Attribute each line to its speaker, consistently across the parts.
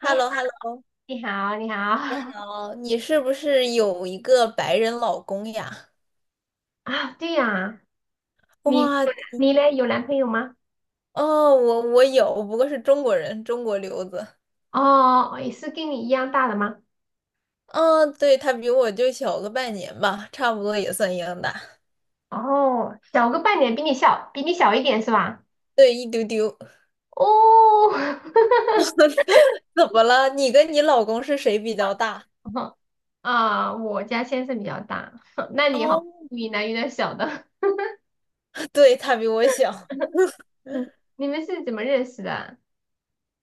Speaker 1: 你
Speaker 2: h e l l o h e l l o
Speaker 1: 你好，你好
Speaker 2: 好，你是不是有一个白人老公呀？
Speaker 1: 啊，对呀，你
Speaker 2: 哇，
Speaker 1: 你嘞有男朋友吗？
Speaker 2: 哦，我有，不过是中国人，中国留子。
Speaker 1: 哦，也是跟你一样大的吗？
Speaker 2: 嗯、对，他比我就小个半年吧，差不多也算一样大。
Speaker 1: 哦，小个半年，比你小一点是吧？
Speaker 2: 对，一丢丢。
Speaker 1: 哦，
Speaker 2: 怎么了？你跟你老公是谁比较大？
Speaker 1: 啊，我家先生比较大，那你好，
Speaker 2: 哦，
Speaker 1: 你男有点小的，
Speaker 2: 对，他比我小。
Speaker 1: 嗯，你们是怎么认识的啊？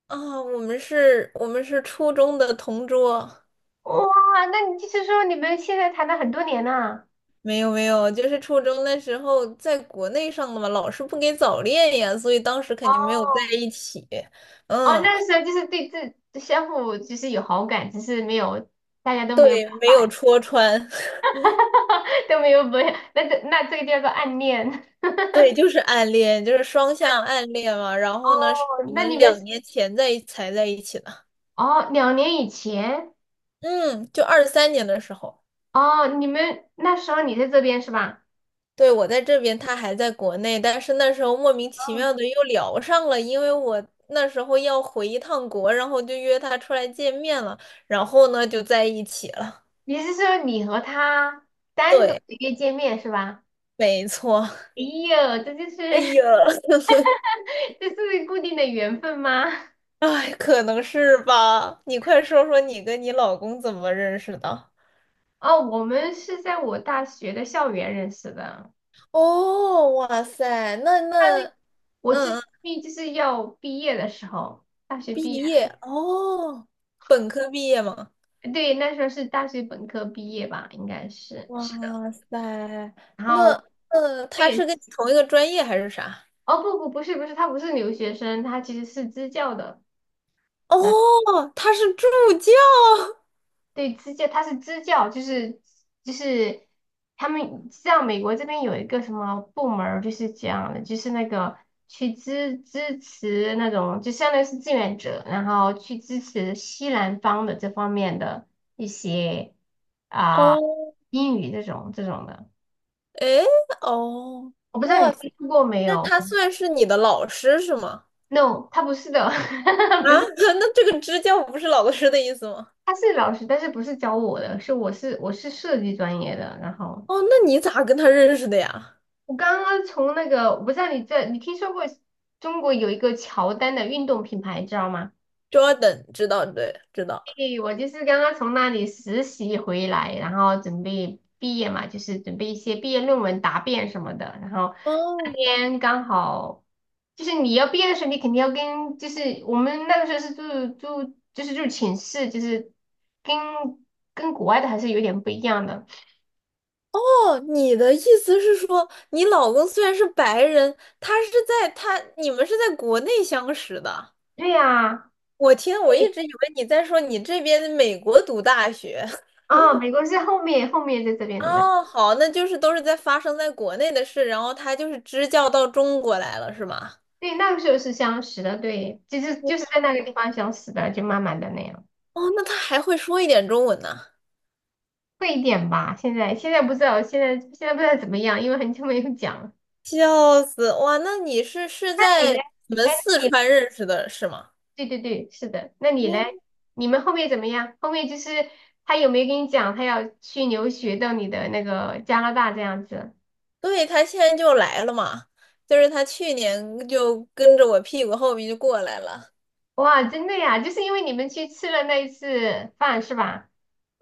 Speaker 2: 我们是初中的同桌。
Speaker 1: 哇，那你就是说你们现在谈了很多年呐？
Speaker 2: 没有没有，就是初中那时候在国内上的嘛，老师不给早恋呀，所以当时肯定没有在
Speaker 1: 哦。
Speaker 2: 一起。
Speaker 1: 哦，
Speaker 2: 嗯，
Speaker 1: 那个时候就是对自相互就是有好感，只是没有大家都没有
Speaker 2: 对，
Speaker 1: 表
Speaker 2: 没有
Speaker 1: 白，
Speaker 2: 戳穿，
Speaker 1: 都没有表，那这个叫做暗恋。
Speaker 2: 对，就是暗恋，就是双向暗恋嘛。然后呢，是
Speaker 1: 哦，
Speaker 2: 我
Speaker 1: 那你
Speaker 2: 们
Speaker 1: 们
Speaker 2: 两
Speaker 1: 是
Speaker 2: 年前才在一起的，
Speaker 1: 哦，2年以前。
Speaker 2: 嗯，就23年的时候，
Speaker 1: 哦，你们那时候你在这边是吧？
Speaker 2: 对，我在这边，他还在国内，但是那时候莫名其
Speaker 1: 哦，
Speaker 2: 妙的又聊上了，因为我那时候要回一趟国，然后就约他出来见面了，然后呢就在一起了。
Speaker 1: 你是说你和他单独
Speaker 2: 对。
Speaker 1: 的约见面是吧？
Speaker 2: 没错。
Speaker 1: 哎呦，这就是
Speaker 2: 哎呀，
Speaker 1: 这是固定的缘分吗？
Speaker 2: 哎，可能是吧。你快说说你跟你老公怎么认识的？
Speaker 1: 哦，我们是在我大学的校园认识的。
Speaker 2: 哦，哇塞，
Speaker 1: 我是
Speaker 2: 嗯嗯，
Speaker 1: 毕就是要毕业的时候，大学
Speaker 2: 毕
Speaker 1: 毕业。
Speaker 2: 业哦，本科毕业吗？
Speaker 1: 对，那时候是大学本科毕业吧，应该是的。
Speaker 2: 哇塞，
Speaker 1: 然后
Speaker 2: 那嗯，
Speaker 1: 我
Speaker 2: 他是
Speaker 1: 也，
Speaker 2: 跟你同一个专业还是啥？
Speaker 1: 哦，不不，不是不是，他不是留学生，他其实是支教的。那，
Speaker 2: 哦，他是助教。
Speaker 1: 对，支教，他是支教，就是他们像美国这边有一个什么部门儿，就是这样的，就是那个去支持那种，就相当于是志愿者，然后去支持西南方的这方面的一些。啊、
Speaker 2: 哦，
Speaker 1: 英语这种的，
Speaker 2: 诶，哦，
Speaker 1: 我不知道你
Speaker 2: 哇塞，
Speaker 1: 听说过没
Speaker 2: 那
Speaker 1: 有
Speaker 2: 他算是你的老师是吗？
Speaker 1: ？No，他不是的，
Speaker 2: 啊，
Speaker 1: 不是，
Speaker 2: 那这个支教不是老师的意思吗？
Speaker 1: 他是老师，但是不是教我的，我是设计专业的。然后
Speaker 2: 哦，那你咋跟他认识的呀
Speaker 1: 我刚刚从那个，我不知道你听说过中国有一个乔丹的运动品牌，知道吗？
Speaker 2: ？Jordan 知道，对，知道。
Speaker 1: 对，我就是刚刚从那里实习回来，然后准备毕业嘛，就是准备一些毕业论文答辩什么的。然后那
Speaker 2: 哦
Speaker 1: 天刚好，就是你要毕业的时候，你肯定要跟，就是我们那个时候是住，就是住寝室，就是跟跟国外的还是有点不一样的。
Speaker 2: 哦，你的意思是说，你老公虽然是白人，他是在他你们是在国内相识的。
Speaker 1: 对呀，
Speaker 2: 我一直以为你在说你这边美国读大学。
Speaker 1: 啊，美国是后面在这边的啦。
Speaker 2: 哦，好，那就是都是在发生在国内的事，然后他就是支教到中国来了，是吗？
Speaker 1: 对，那个时候是相识的，对，就是在那个地方相识的，就慢慢的那样。
Speaker 2: 哦，那他还会说一点中文呢，
Speaker 1: 会一点吧。现在不知道，现在不知道怎么样，因为很久没有讲了。
Speaker 2: 笑死！哇，那你是
Speaker 1: 那你
Speaker 2: 在
Speaker 1: 嘞？
Speaker 2: 你们
Speaker 1: 哎，那
Speaker 2: 四
Speaker 1: 你嘞，
Speaker 2: 川认识的是吗？
Speaker 1: 对对对，是的。那你
Speaker 2: 哦，
Speaker 1: 嘞？你们后面怎么样？后面就是他有没有跟你讲他要去留学到你的那个加拿大这样子？
Speaker 2: 对，他现在就来了嘛，就是他去年就跟着我屁股后面就过来了。
Speaker 1: 哇，真的呀，就是因为你们去吃了那一次饭是吧？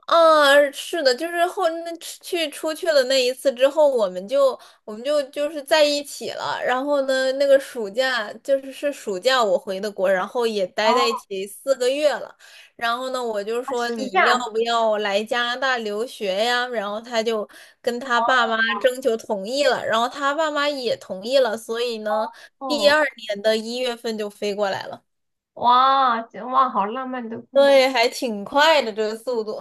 Speaker 2: 啊，是的，就是后那去出去了那一次之后，我们就是在一起了。然后呢，那个暑假就是暑假我回的国，然后也待在一
Speaker 1: 哦，
Speaker 2: 起四个月了。然后呢，我就说
Speaker 1: 暑
Speaker 2: 你要
Speaker 1: 假。
Speaker 2: 不要来加拿大留学呀？然后他就跟他爸妈征求同意了，然后他爸妈也同意了，所以呢，第
Speaker 1: 哦，
Speaker 2: 二年的1月份就飞过来了。
Speaker 1: 哇，这哇，好浪漫的故事。
Speaker 2: 对，还挺快的这个速度。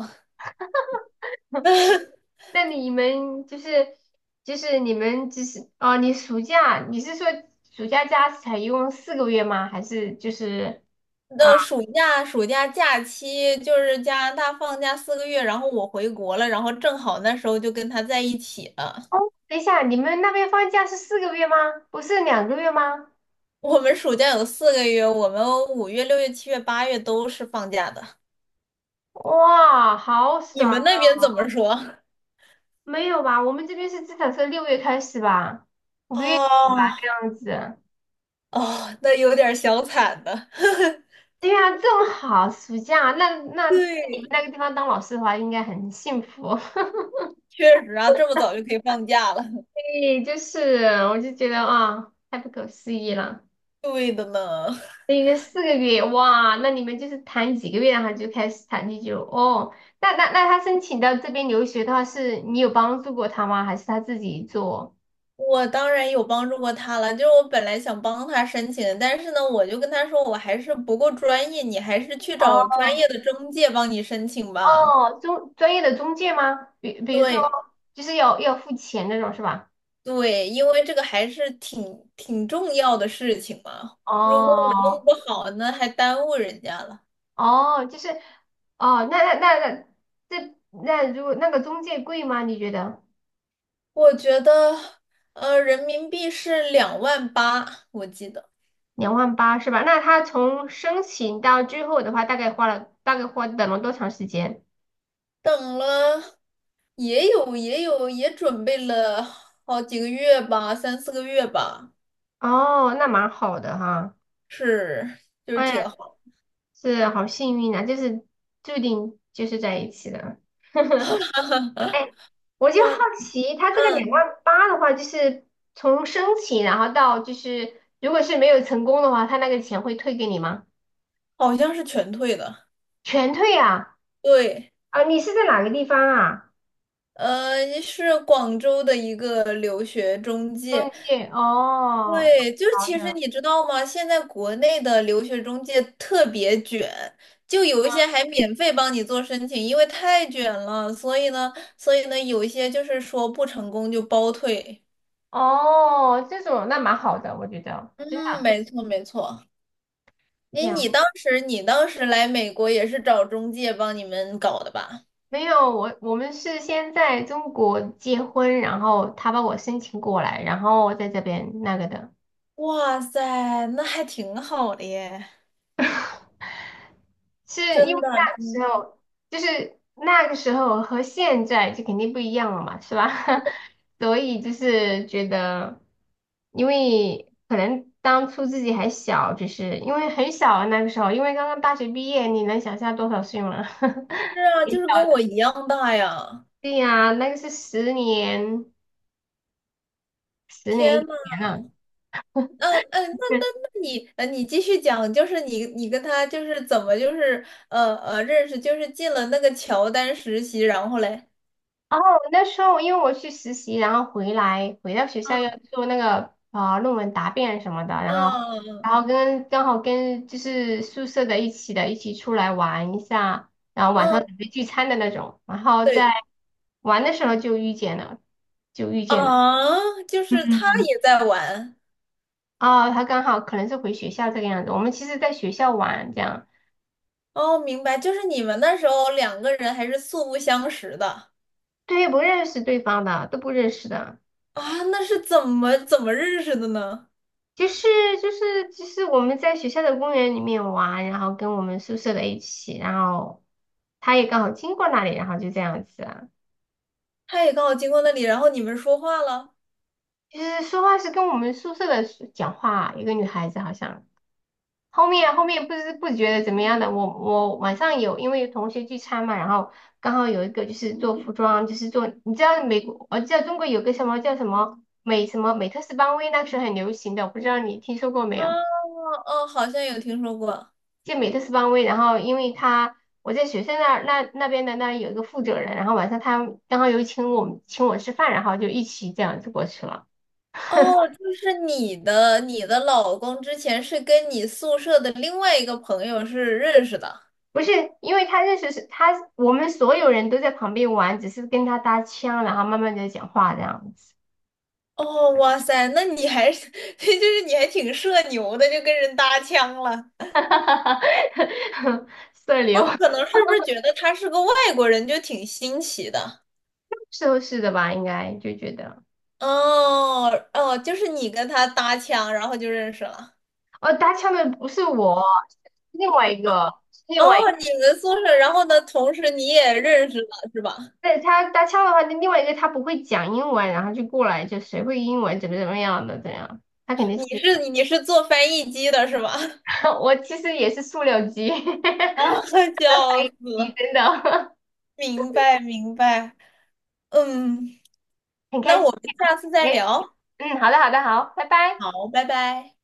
Speaker 1: 那你们就是就是你们就是哦，你是说暑假假才一共四个月吗？还是就是啊？
Speaker 2: 那暑假假期就是加拿大放假四个月，然后我回国了，然后正好那时候就跟他在一起了。
Speaker 1: 等一下，你们那边放假是四个月吗？不是2个月吗？
Speaker 2: 我们暑假有4个月，我们5月、6月、7月、8月都是放假的。
Speaker 1: 哇，好
Speaker 2: 你
Speaker 1: 爽
Speaker 2: 们
Speaker 1: 啊！
Speaker 2: 那边怎么说？
Speaker 1: 没有吧？我们这边是至少是6月开始吧，5月
Speaker 2: 哦
Speaker 1: 这样子。
Speaker 2: 哦，那有点小惨的。
Speaker 1: 对呀、这么好，暑假，那在你们
Speaker 2: 对，
Speaker 1: 那个地方当老师的话，应该很幸福。
Speaker 2: 确实啊，这么早就可以放假了。
Speaker 1: 对，就是我就觉得啊，太不可思议了。
Speaker 2: 对的呢。
Speaker 1: 等于四个月，哇，那你们就是谈几个月，然后就开始谈地就哦。那他申请到这边留学的话，是你有帮助过他吗？还是他自己做？
Speaker 2: 我当然有帮助过他了，就是我本来想帮他申请的，但是呢，我就跟他说我还是不够专业，你还是去找
Speaker 1: 哦
Speaker 2: 专业的中介帮你申请吧。
Speaker 1: 哦，中专业的中介吗？比如说，
Speaker 2: 对
Speaker 1: 就是要付钱那种是吧？
Speaker 2: 对，因为这个还是挺重要的事情嘛，如果我弄
Speaker 1: 哦
Speaker 2: 不好，那还耽误人家了。
Speaker 1: 哦，就是哦，那那那那这那如果那个中介贵吗？你觉得
Speaker 2: 我觉得，人民币是2万8，我记得。
Speaker 1: 两万八是吧？那他从申请到最后的话，大概花了大概花等了多长时间？
Speaker 2: 等了也准备了好几个月吧，3、4个月吧。
Speaker 1: 哦，那蛮好的哈。
Speaker 2: 是，就是
Speaker 1: 哎呀，
Speaker 2: 挺好。
Speaker 1: 是好幸运啊，就是注定就是在一起的。哎，我就好
Speaker 2: 我
Speaker 1: 奇，他这个两
Speaker 2: 嗯，
Speaker 1: 万八的话，就是从申请，然后到就是如果是没有成功的话，他那个钱会退给你吗？
Speaker 2: 好像是全退的。
Speaker 1: 全退啊？
Speaker 2: 对，
Speaker 1: 啊，你是在哪个地方啊？
Speaker 2: 是广州的一个留学中介。
Speaker 1: 中介哦，
Speaker 2: 对，就是
Speaker 1: 好
Speaker 2: 其实
Speaker 1: 的，
Speaker 2: 你知道吗？现在国内的留学中介特别卷，就有一些还免费帮你做申请，因为太卷了，所以呢，所以呢，有一些就是说不成功就包退。
Speaker 1: 哦，这种那蛮好的，我觉得真的。
Speaker 2: 嗯，没错没错。你当时来美国也是找中介帮你们搞的吧？
Speaker 1: 没有，我们是先在中国结婚，然后他把我申请过来，然后我在这边那个的，
Speaker 2: 哇塞，那还挺好的耶，
Speaker 1: 是因
Speaker 2: 真
Speaker 1: 为
Speaker 2: 的，
Speaker 1: 那个时
Speaker 2: 嗯
Speaker 1: 候就是那个时候和现在就肯定不一样了嘛，是吧？所以就是觉得，因为可能当初自己还小，只是因为很小啊那个时候，因为刚刚大学毕业，你能想象多少岁吗？
Speaker 2: 是啊，就是跟我一样大呀！
Speaker 1: 对呀，十年
Speaker 2: 天
Speaker 1: 以
Speaker 2: 呐，
Speaker 1: 前了。
Speaker 2: 嗯、嗯、那那你，你继续讲，就是你跟他就是怎么就是认识，就是进了那个乔丹实习，然后嘞，
Speaker 1: 哦，那时候因为我去实习，然后回到学校要
Speaker 2: 嗯
Speaker 1: 做那个论文答辩什么的，然后然
Speaker 2: 嗯
Speaker 1: 后刚好跟就是宿舍的一起出来玩一下，然后晚
Speaker 2: 嗯，
Speaker 1: 上准备聚餐的那种，然后在
Speaker 2: 对
Speaker 1: 玩的时候就遇见了，就遇见了。
Speaker 2: 啊，就是他
Speaker 1: 嗯，
Speaker 2: 也在玩
Speaker 1: 哦，他刚好可能是回学校这个样子。我们其实在学校玩这样，
Speaker 2: 哦，明白，就是你们那时候两个人还是素不相识的。
Speaker 1: 对，不认识对方的，都不认识的。
Speaker 2: 啊，那是怎么认识的呢？
Speaker 1: 就是就是我们在学校的公园里面玩，然后跟我们宿舍的一起，然后他也刚好经过那里，然后就这样子啊。
Speaker 2: 他也刚好经过那里，然后你们说话了。
Speaker 1: 就是说话是跟我们宿舍的是讲话，一个女孩子好像。后面不知不觉的怎么样的，我晚上有因为有同学聚餐嘛，然后刚好有一个就是做服装，就是做你知道美国，我知道中国有个什么叫什么美什么美特斯邦威，那时候很流行的，我不知道你听说过没
Speaker 2: 啊，
Speaker 1: 有？
Speaker 2: 哦，好像有听说过。
Speaker 1: 就美特斯邦威，然后因为他我在学校那儿那那边的那儿有一个负责人，然后晚上他刚好有请我吃饭，然后就一起这样子过去了。
Speaker 2: 哦，就是你的老公之前是跟你宿舍的另外一个朋友是认识的。
Speaker 1: 不是，因为他认识是他，我们所有人都在旁边玩，只是跟他搭腔，然后慢慢的讲话这样子，
Speaker 2: 哦，哇塞，那你还是，就是你还挺社牛的，就跟人搭腔了。
Speaker 1: 社
Speaker 2: 我
Speaker 1: 牛，
Speaker 2: 可能是不是觉得他是个外国人，就挺新奇的。
Speaker 1: 是的吧？应该就觉得，
Speaker 2: 哦哦，就是你跟他搭腔，然后就认识了。
Speaker 1: 哦，搭腔的不是我，是另外一个，是另外一个。
Speaker 2: 哦，你们宿舍，然后呢，同时你也认识了，是吧？
Speaker 1: 对他搭腔的话，那另外一个他不会讲英文，然后就过来就谁会英文怎么样的这样，他肯定
Speaker 2: 你
Speaker 1: 是
Speaker 2: 是你是做翻译机的是吗？
Speaker 1: 我其实也是塑料机，
Speaker 2: 啊，
Speaker 1: 的
Speaker 2: 笑
Speaker 1: 翻译
Speaker 2: 死！
Speaker 1: 机
Speaker 2: 了！
Speaker 1: 真的
Speaker 2: 明白明白，嗯，
Speaker 1: 很开
Speaker 2: 那
Speaker 1: 心。
Speaker 2: 我们下次再
Speaker 1: 哎，
Speaker 2: 聊。
Speaker 1: 嗯，好的好的好，拜拜。
Speaker 2: 好，拜拜。